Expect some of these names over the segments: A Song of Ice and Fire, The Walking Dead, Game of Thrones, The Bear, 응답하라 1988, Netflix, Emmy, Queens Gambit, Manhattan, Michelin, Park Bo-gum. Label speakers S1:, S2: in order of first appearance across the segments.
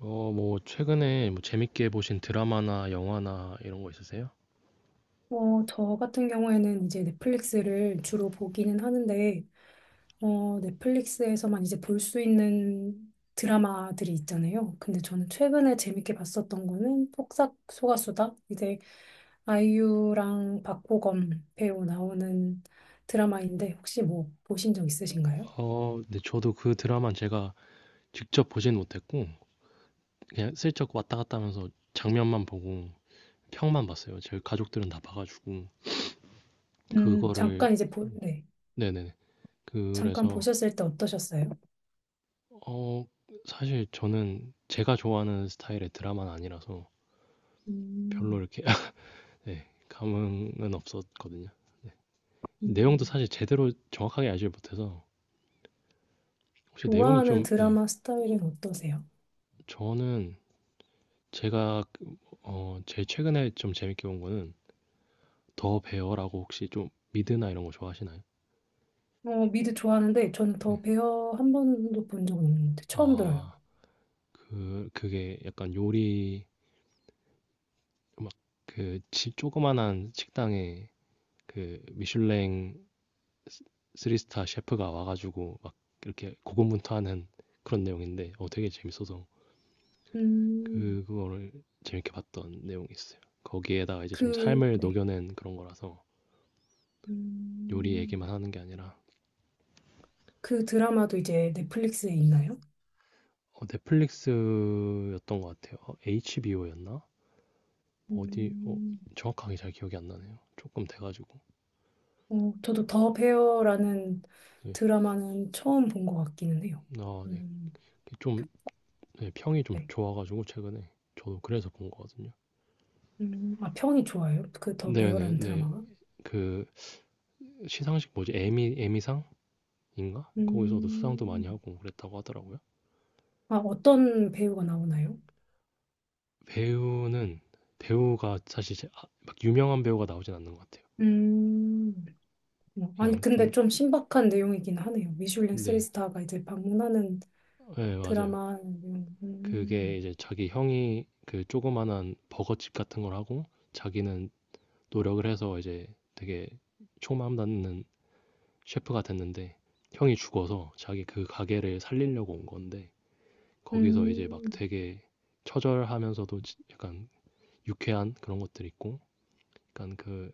S1: 뭐, 최근에 뭐 재밌게 보신 드라마나 영화나 이런 거 있으세요?
S2: 저 같은 경우에는 이제 넷플릭스를 주로 보기는 하는데, 넷플릭스에서만 이제 볼 수 있는 드라마들이 있잖아요. 근데 저는 최근에 재밌게 봤었던 거는 폭삭 소가수다. 이제 아이유랑 박보검 배우 나오는 드라마인데, 혹시 뭐 보신 적 있으신가요?
S1: 네, 저도 그 드라마는 제가 직접 보진 못했고, 그냥 슬쩍 왔다 갔다 하면서 장면만 보고, 평만 봤어요. 제 가족들은 다 봐가지고, 그거를,
S2: 네.
S1: 네네.
S2: 잠깐
S1: 그래서,
S2: 보셨을 때 어떠셨어요?
S1: 어, 사실 저는 제가 좋아하는 스타일의 드라마는 아니라서 별로
S2: 음,
S1: 이렇게, 네, 감흥은 없었거든요. 네. 내용도
S2: 음.
S1: 사실 제대로 정확하게 알지 못해서, 혹시 내용이
S2: 좋아하는
S1: 좀, 네,
S2: 드라마 스타일은 어떠세요?
S1: 저는 제가 제일 최근에 좀 재밌게 본 거는 더 베어라고 혹시 좀 미드나 이런 거 좋아하시나요?
S2: 미드 좋아하는데 저는
S1: 네.
S2: 더 베어 한 번도 본 적은 없는데 처음 들어요.
S1: 아. 그게 약간 요리 막그 조그만한 식당에 그 미슐랭 쓰 3스타 스타 셰프가 와 가지고 막 이렇게 고군분투하는 그런 내용인데 되게 재밌어서
S2: 음,
S1: 그거를 재밌게 봤던 내용이 있어요. 거기에다가 이제 좀
S2: 그,
S1: 삶을
S2: 네.
S1: 녹여낸 그런 거라서 요리
S2: 음,
S1: 얘기만 하는 게 아니라
S2: 그 드라마도 이제 넷플릭스에 있나요?
S1: 넷플릭스였던 것 같아요. HBO였나? 어디
S2: 음,
S1: 정확하게 잘 기억이 안 나네요. 조금 돼가지고.
S2: 저도 더 베어라는
S1: 네.
S2: 드라마는 처음 본 것 같기는 해요.
S1: 아, 네.
S2: 음,
S1: 좀 네, 평이 좀
S2: 네.
S1: 좋아가지고 최근에 저도 그래서 본 거거든요.
S2: 아, 평이 좋아요? 그 더
S1: 네네
S2: 베어라는
S1: 네.
S2: 드라마가?
S1: 그 시상식 뭐지? 에미상인가? 거기서도 수상도
S2: 음,
S1: 많이 하고 그랬다고 하더라고요.
S2: 아, 어떤 배우가 나오나요?
S1: 배우는 배우가 사실 아, 막 유명한 배우가 나오진 않는 것 같아요.
S2: 음, 뭐, 아니,
S1: 그냥 좀
S2: 근데 좀 신박한 내용이긴 하네요. 미슐랭
S1: 네,
S2: 3스타가 이제 방문하는
S1: 네 맞아요.
S2: 드라마 내용.
S1: 그게 이제 자기 형이 그 조그만한 버거집 같은 걸 하고 자기는 노력을 해서 이제 되게 총망 닿는 셰프가 됐는데 형이 죽어서 자기 그 가게를 살리려고 온 건데 거기서 이제 막
S2: 음,
S1: 되게 처절하면서도 약간 유쾌한 그런 것들 있고 약간 그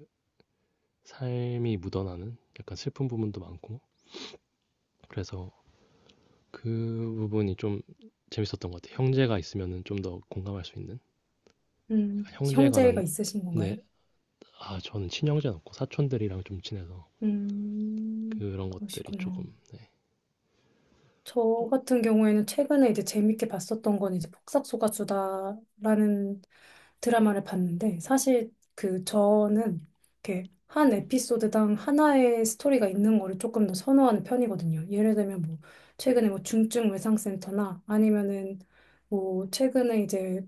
S1: 삶이 묻어나는 약간 슬픈 부분도 많고 그래서 그 부분이 좀 재밌었던 것 같아요. 형제가 있으면은 좀 더 공감할 수 있는 약간 형제에 관한
S2: 형제가 있으신
S1: 내
S2: 건가요?
S1: 아, 저는 친형제는 없고 사촌들이랑 좀 친해서
S2: 음,
S1: 그런 것들이 조금,
S2: 그러시구나.
S1: 네.
S2: 저 같은 경우에는 최근에 이제 재밌게 봤었던 건 이제 폭삭소가수다라는 드라마를 봤는데 사실 그 저는 이렇게 한 에피소드당 하나의 스토리가 있는 거를 조금 더 선호하는 편이거든요. 예를 들면 뭐 최근에 뭐 중증 외상센터나 아니면은 뭐 최근에 이제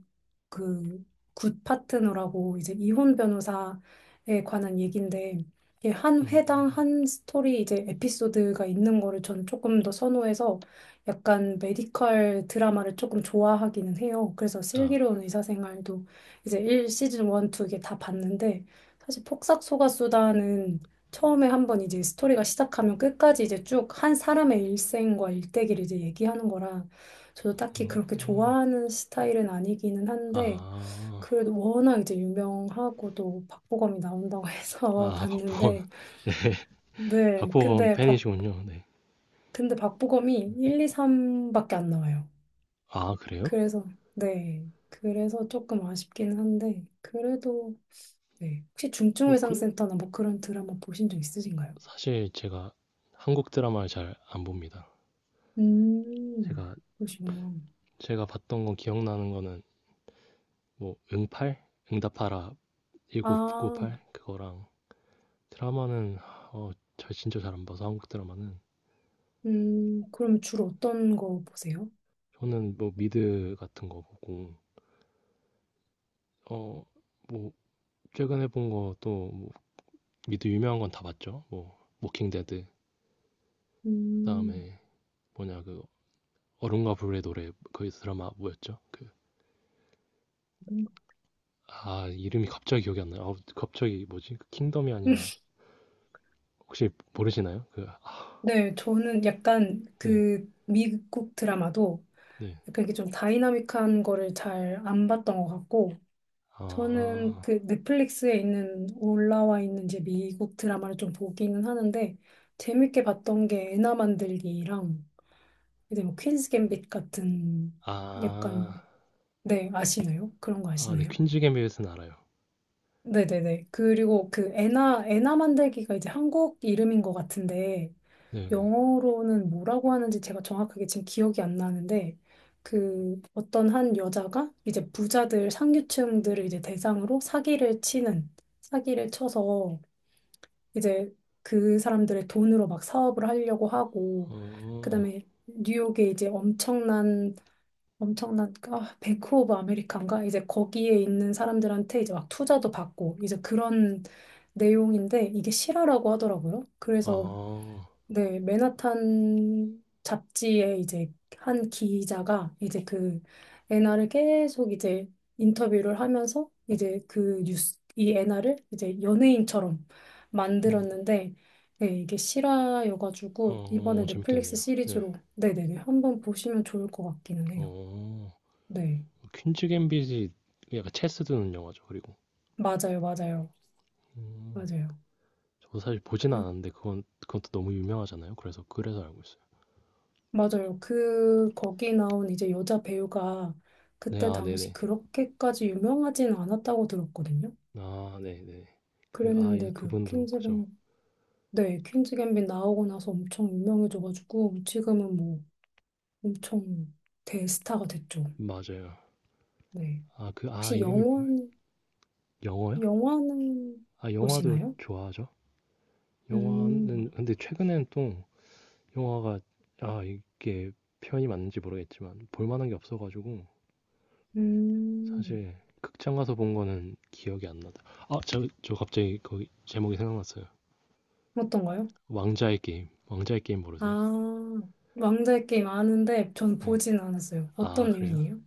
S2: 그 굿 파트너라고 이제 이혼 변호사에 관한 얘기인데 이게 한 회당 한 스토리 이제 에피소드가 있는 거를 저는 조금 더 선호해서 약간 메디컬 드라마를 조금 좋아하기는 해요. 그래서
S1: 아,
S2: 슬기로운 의사생활도 이제 1 시즌 1, 2 이게 다 봤는데 사실 폭삭소가수다는 처음에 한번 이제 스토리가 시작하면 끝까지 이제 쭉 한 사람의 일생과 일대기를 이제 얘기하는 거라 저도 딱히
S1: 음,
S2: 그렇게
S1: 음.
S2: 좋아하는 스타일은 아니기는 한데
S1: 아,
S2: 그래도 워낙 이제 유명하고 또 박보검이 나온다고 해서
S1: 아, 박보검.
S2: 봤는데,
S1: 네,
S2: 네.
S1: 박보검 팬이시군요. 네.
S2: 근데 박보검이 1, 2, 3밖에 안 나와요.
S1: 아, 그래요?
S2: 그래서, 네. 그래서 조금 아쉽긴 한데, 그래도, 네. 혹시
S1: 어, 그,
S2: 중증외상센터나 뭐 그런 드라마 보신 적 있으신가요?
S1: 사실 제가 한국 드라마를 잘 안 봅니다.
S2: 음,
S1: 제가,
S2: 그러시구나.
S1: 제가 봤던 건 기억나는 거는 뭐, 응팔? 응답하라
S2: 아,
S1: 1988? 그거랑 드라마는, 어, 저 진짜 잘 안 봐서 한국 드라마는.
S2: 그럼 주로 어떤 거 보세요?
S1: 저는 뭐 미드 같은 거 보고, 어, 뭐 최근에 본 거 또 미드 유명한 건 다 봤죠. 뭐 워킹데드
S2: 음.
S1: 그다음에 뭐냐 그 얼음과 불의 노래 그 드라마 뭐였죠? 그 아 이름이 갑자기 기억이 안 나요. 아우, 갑자기 뭐지? 그 킹덤이 아니라 혹시 모르시나요? 그 아,
S2: 네, 저는 약간
S1: 네.
S2: 그 미국 드라마도
S1: 네.
S2: 약간 이게 좀 다이나믹한 거를 잘 안 봤던 것 같고, 저는
S1: 아.
S2: 그 넷플릭스에 있는, 올라와 있는 이제 미국 드라마를 좀 보기는 하는데, 재밌게 봤던 게 애나 만들기랑, 이제 뭐 퀸스 갬빗 같은, 약간,
S1: 아.
S2: 네, 아시나요? 그런 거
S1: 아, 네.
S2: 아시나요?
S1: 퀸즈 gambit은 알아요.
S2: 네네네. 그리고 그 애나 만들기가 이제 한국 이름인 것 같은데,
S1: 네, 네.
S2: 영어로는 뭐라고 하는지 제가 정확하게 지금 기억이 안 나는데 그 어떤 한 여자가 이제 부자들 상류층들을 이제 대상으로 사기를 쳐서 이제 그 사람들의 돈으로 막 사업을 하려고 하고
S1: 어.
S2: 그다음에 뉴욕에 이제 엄청난 뱅크 오브 아메리칸가 이제 거기에 있는 사람들한테 이제 막 투자도 받고 이제 그런 내용인데 이게 실화라고 하더라고요. 그래서
S1: 아.
S2: 네, 맨하탄 잡지에 이제 한 기자가 이제 그 애나를 계속 이제 인터뷰를 하면서 이제 이 애나를 이제 연예인처럼
S1: 음.
S2: 만들었는데, 네, 이게 실화여가지고
S1: 어,
S2: 이번에
S1: 어,
S2: 넷플릭스
S1: 재밌겠네요. 네.
S2: 시리즈로, 네네네, 한번 보시면 좋을 것 같기는 해요.
S1: 어.
S2: 네,
S1: 퀸즈 갬빗이 약간 체스 두는 영화죠. 그리고
S2: 맞아요, 맞아요,
S1: 음.
S2: 맞아요.
S1: 저도 사실 보진
S2: 그래
S1: 않았는데 그건 또 너무 유명하잖아요. 그래서 알고 있어요.
S2: 맞아요. 거기 나온 이제 여자 배우가
S1: 네,
S2: 그때
S1: 아,
S2: 당시
S1: 네네.
S2: 그렇게까지 유명하진 않았다고 들었거든요.
S1: 아, 네네. 그, 아, 예,
S2: 그랬는데 그
S1: 그분도 그죠.
S2: 퀸즈뱅, 네, 퀸즈 갬빗 나오고 나서 엄청 유명해져가지고 지금은 뭐 엄청 대스타가 됐죠.
S1: 맞아요.
S2: 네.
S1: 아, 그, 아,
S2: 혹시
S1: 이름이 뭐예요?
S2: 영화는,
S1: 영화요?
S2: 영화는
S1: 아, 영화도
S2: 보시나요?
S1: 좋아하죠.
S2: 음,
S1: 영화는 근데 최근엔 또 영화가 아, 이게 표현이 맞는지 모르겠지만 볼 만한 게 없어가지고
S2: 음,
S1: 사실 극장 가서 본 거는 기억이 안 나다. 아, 저 갑자기 거기 제목이 생각났어요.
S2: 어떤가요?
S1: 왕자의 게임. 왕자의 게임 모르세요?
S2: 아, 왕좌의 게임 아는데 전
S1: 네.
S2: 보진 않았어요.
S1: 아,
S2: 어떤
S1: 그래요?
S2: 내용이에요?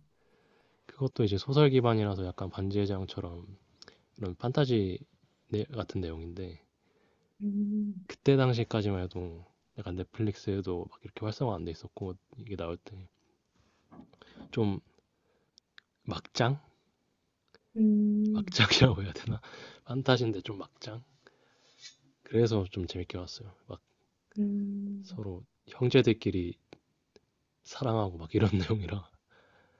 S1: 그것도 이제 소설 기반이라서 약간 반지의 제왕처럼 이런 판타지 같은 내용인데
S2: 음,
S1: 그때 당시까지만 해도 약간 넷플릭스에도 막 이렇게 활성화 안 돼 있었고 이게 나올 때 좀 막장?
S2: 음.
S1: 막장이라고 해야 되나? 판타지인데 좀 막장? 그래서 좀 재밌게 봤어요. 막
S2: 음,
S1: 서로 형제들끼리 사랑하고 막 이런 내용이라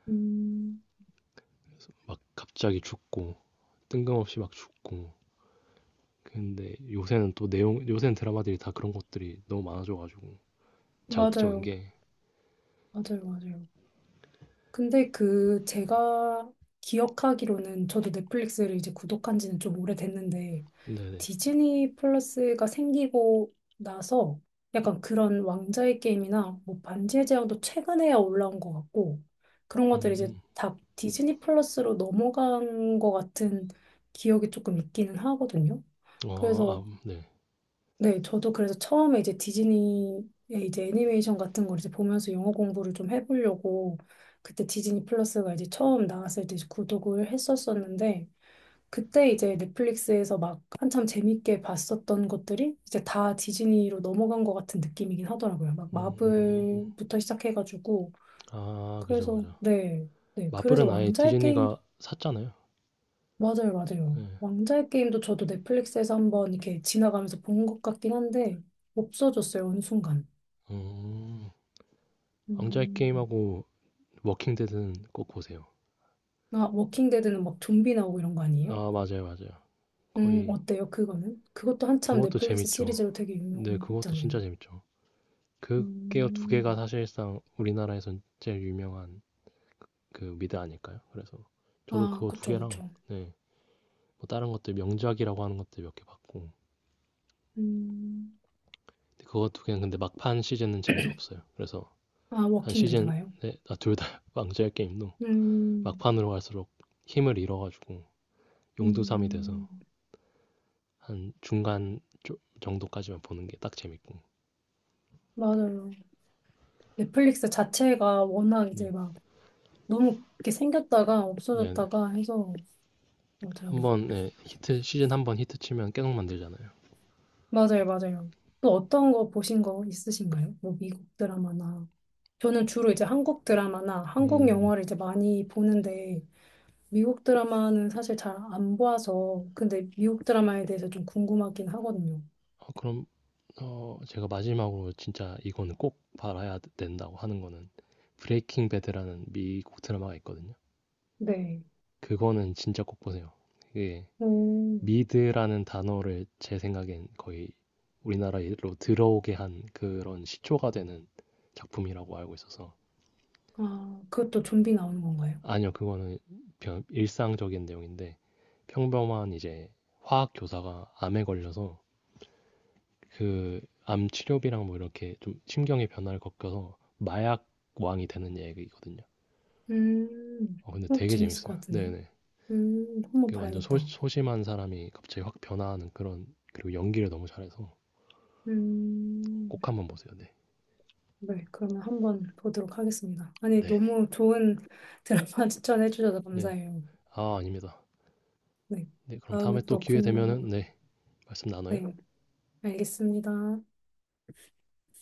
S2: 음,
S1: 막 갑자기 죽고 뜬금없이 막 죽고 근데 요새는 또 내용 요새는 드라마들이 다 그런 것들이 너무 많아져가지고 자극적인
S2: 맞아요.
S1: 게
S2: 맞아요. 맞아요. 근데 그 제가 기억하기로는 저도 넷플릭스를 이제 구독한 지는 좀 오래됐는데
S1: 네네
S2: 디즈니 플러스가 생기고 나서 약간 그런 왕자의 게임이나 뭐 반지의 제왕도 최근에야 올라온 것 같고 그런 것들이 이제
S1: 음.
S2: 다 디즈니 플러스로 넘어간 것 같은 기억이 조금 있기는 하거든요.
S1: 아 아
S2: 그래서
S1: 네.
S2: 네, 저도 그래서 처음에 이제 디즈니의 이제 애니메이션 같은 걸 이제 보면서 영어 공부를 좀 해보려고 그때 디즈니 플러스가 이제 처음 나왔을 때 이제 구독을 했었었는데 그때 이제 넷플릭스에서 막 한참 재밌게 봤었던 것들이 이제 다 디즈니로 넘어간 것 같은 느낌이긴 하더라고요. 막
S1: 음.
S2: 마블부터 시작해가지고
S1: 아 그죠,
S2: 그래서
S1: 그죠.
S2: 네, 네, 그래서
S1: 마블은 아예
S2: 왕자의 게임
S1: 디즈니가 샀잖아요.
S2: 맞아요, 맞아요.
S1: 네.
S2: 왕자의 게임도 저도 넷플릭스에서 한번 이렇게 지나가면서 본 것 같긴 한데 없어졌어요, 어느 순간.
S1: 음. 왕좌의
S2: 음.
S1: 게임하고 워킹 데드는 꼭 보세요.
S2: 아, 워킹데드는 막 좀비 나오고 이런 거 아니에요?
S1: 아 맞아요, 맞아요. 거의
S2: 어때요, 그거는? 그것도 한참
S1: 그것도
S2: 넷플릭스
S1: 재밌죠.
S2: 시리즈로 되게
S1: 네 그것도
S2: 유명했잖아요.
S1: 진짜 재밌죠. 그게 두 개가
S2: 음.
S1: 사실상 우리나라에선 제일 유명한 그 미드 아닐까요? 그래서 저도
S2: 아,
S1: 그거 두
S2: 그쵸,
S1: 개랑
S2: 그쵸.
S1: 네 뭐 다른 것들 명작이라고 하는 것들 몇 개 봤고
S2: 음.
S1: 근데 그거 두 개는 근데 막판 시즌은 재미가 없어요. 그래서
S2: 아,
S1: 한 시즌에
S2: 워킹데드가요?
S1: 둘 다 왕좌의 게임도
S2: 음,
S1: 막판으로 갈수록 힘을 잃어가지고 용두삼이
S2: 음,
S1: 돼서 한 중간 정도까지만 보는 게 딱 재밌고
S2: 맞아요. 넷플릭스 자체가 워낙
S1: 네,
S2: 이제 막 너무 이렇게 생겼다가
S1: 네, 네.
S2: 없어졌다가 해서 맞아요.
S1: 한번 네, 히트 시즌 한 번 히트 치면 계속 만들잖아요.
S2: 맞아요, 맞아요. 또 어떤 거 보신 거 있으신가요? 뭐 미국 드라마나. 저는 주로 이제 한국 드라마나 한국
S1: 음,
S2: 영화를 이제 많이 보는데 미국 드라마는 사실 잘 안 봐서 근데 미국 드라마에 대해서 좀 궁금하긴 하거든요.
S1: 그럼 제가 마지막으로 진짜 이거는 꼭 봐야 된다고 하는 거는 브레이킹 배드라는 미국 드라마가 있거든요.
S2: 네.
S1: 그거는 진짜 꼭 보세요. 이게
S2: 오,
S1: 미드라는 단어를 제 생각엔 거의 우리나라로 들어오게 한 그런 시초가 되는 작품이라고 알고 있어서
S2: 아, 그것도 좀비 나오는 건가요?
S1: 아니요 그거는 일상적인 내용인데 평범한 이제 화학 교사가 암에 걸려서 그 암 치료비랑 뭐 이렇게 좀 심경의 변화를 겪어서 마약 왕이 되는 얘기거든요.
S2: 음,
S1: 근데 되게
S2: 재밌을
S1: 재밌어요.
S2: 것 같은데요?
S1: 네네.
S2: 한번
S1: 그 완전 소,
S2: 봐야겠다.
S1: 소심한 사람이 갑자기 확 변화하는 그런 그리고 연기를 너무 잘해서
S2: 음,
S1: 꼭 한번 보세요. 네.
S2: 네, 그러면 한번 보도록 하겠습니다. 아니,
S1: 네.
S2: 너무 좋은 드라마 추천해 주셔서
S1: 네.
S2: 감사해요.
S1: 아, 아닙니다.
S2: 네.
S1: 네, 그럼
S2: 다음에
S1: 다음에 또
S2: 또
S1: 기회 되면은 네, 말씀 나눠요.
S2: 네. 알겠습니다.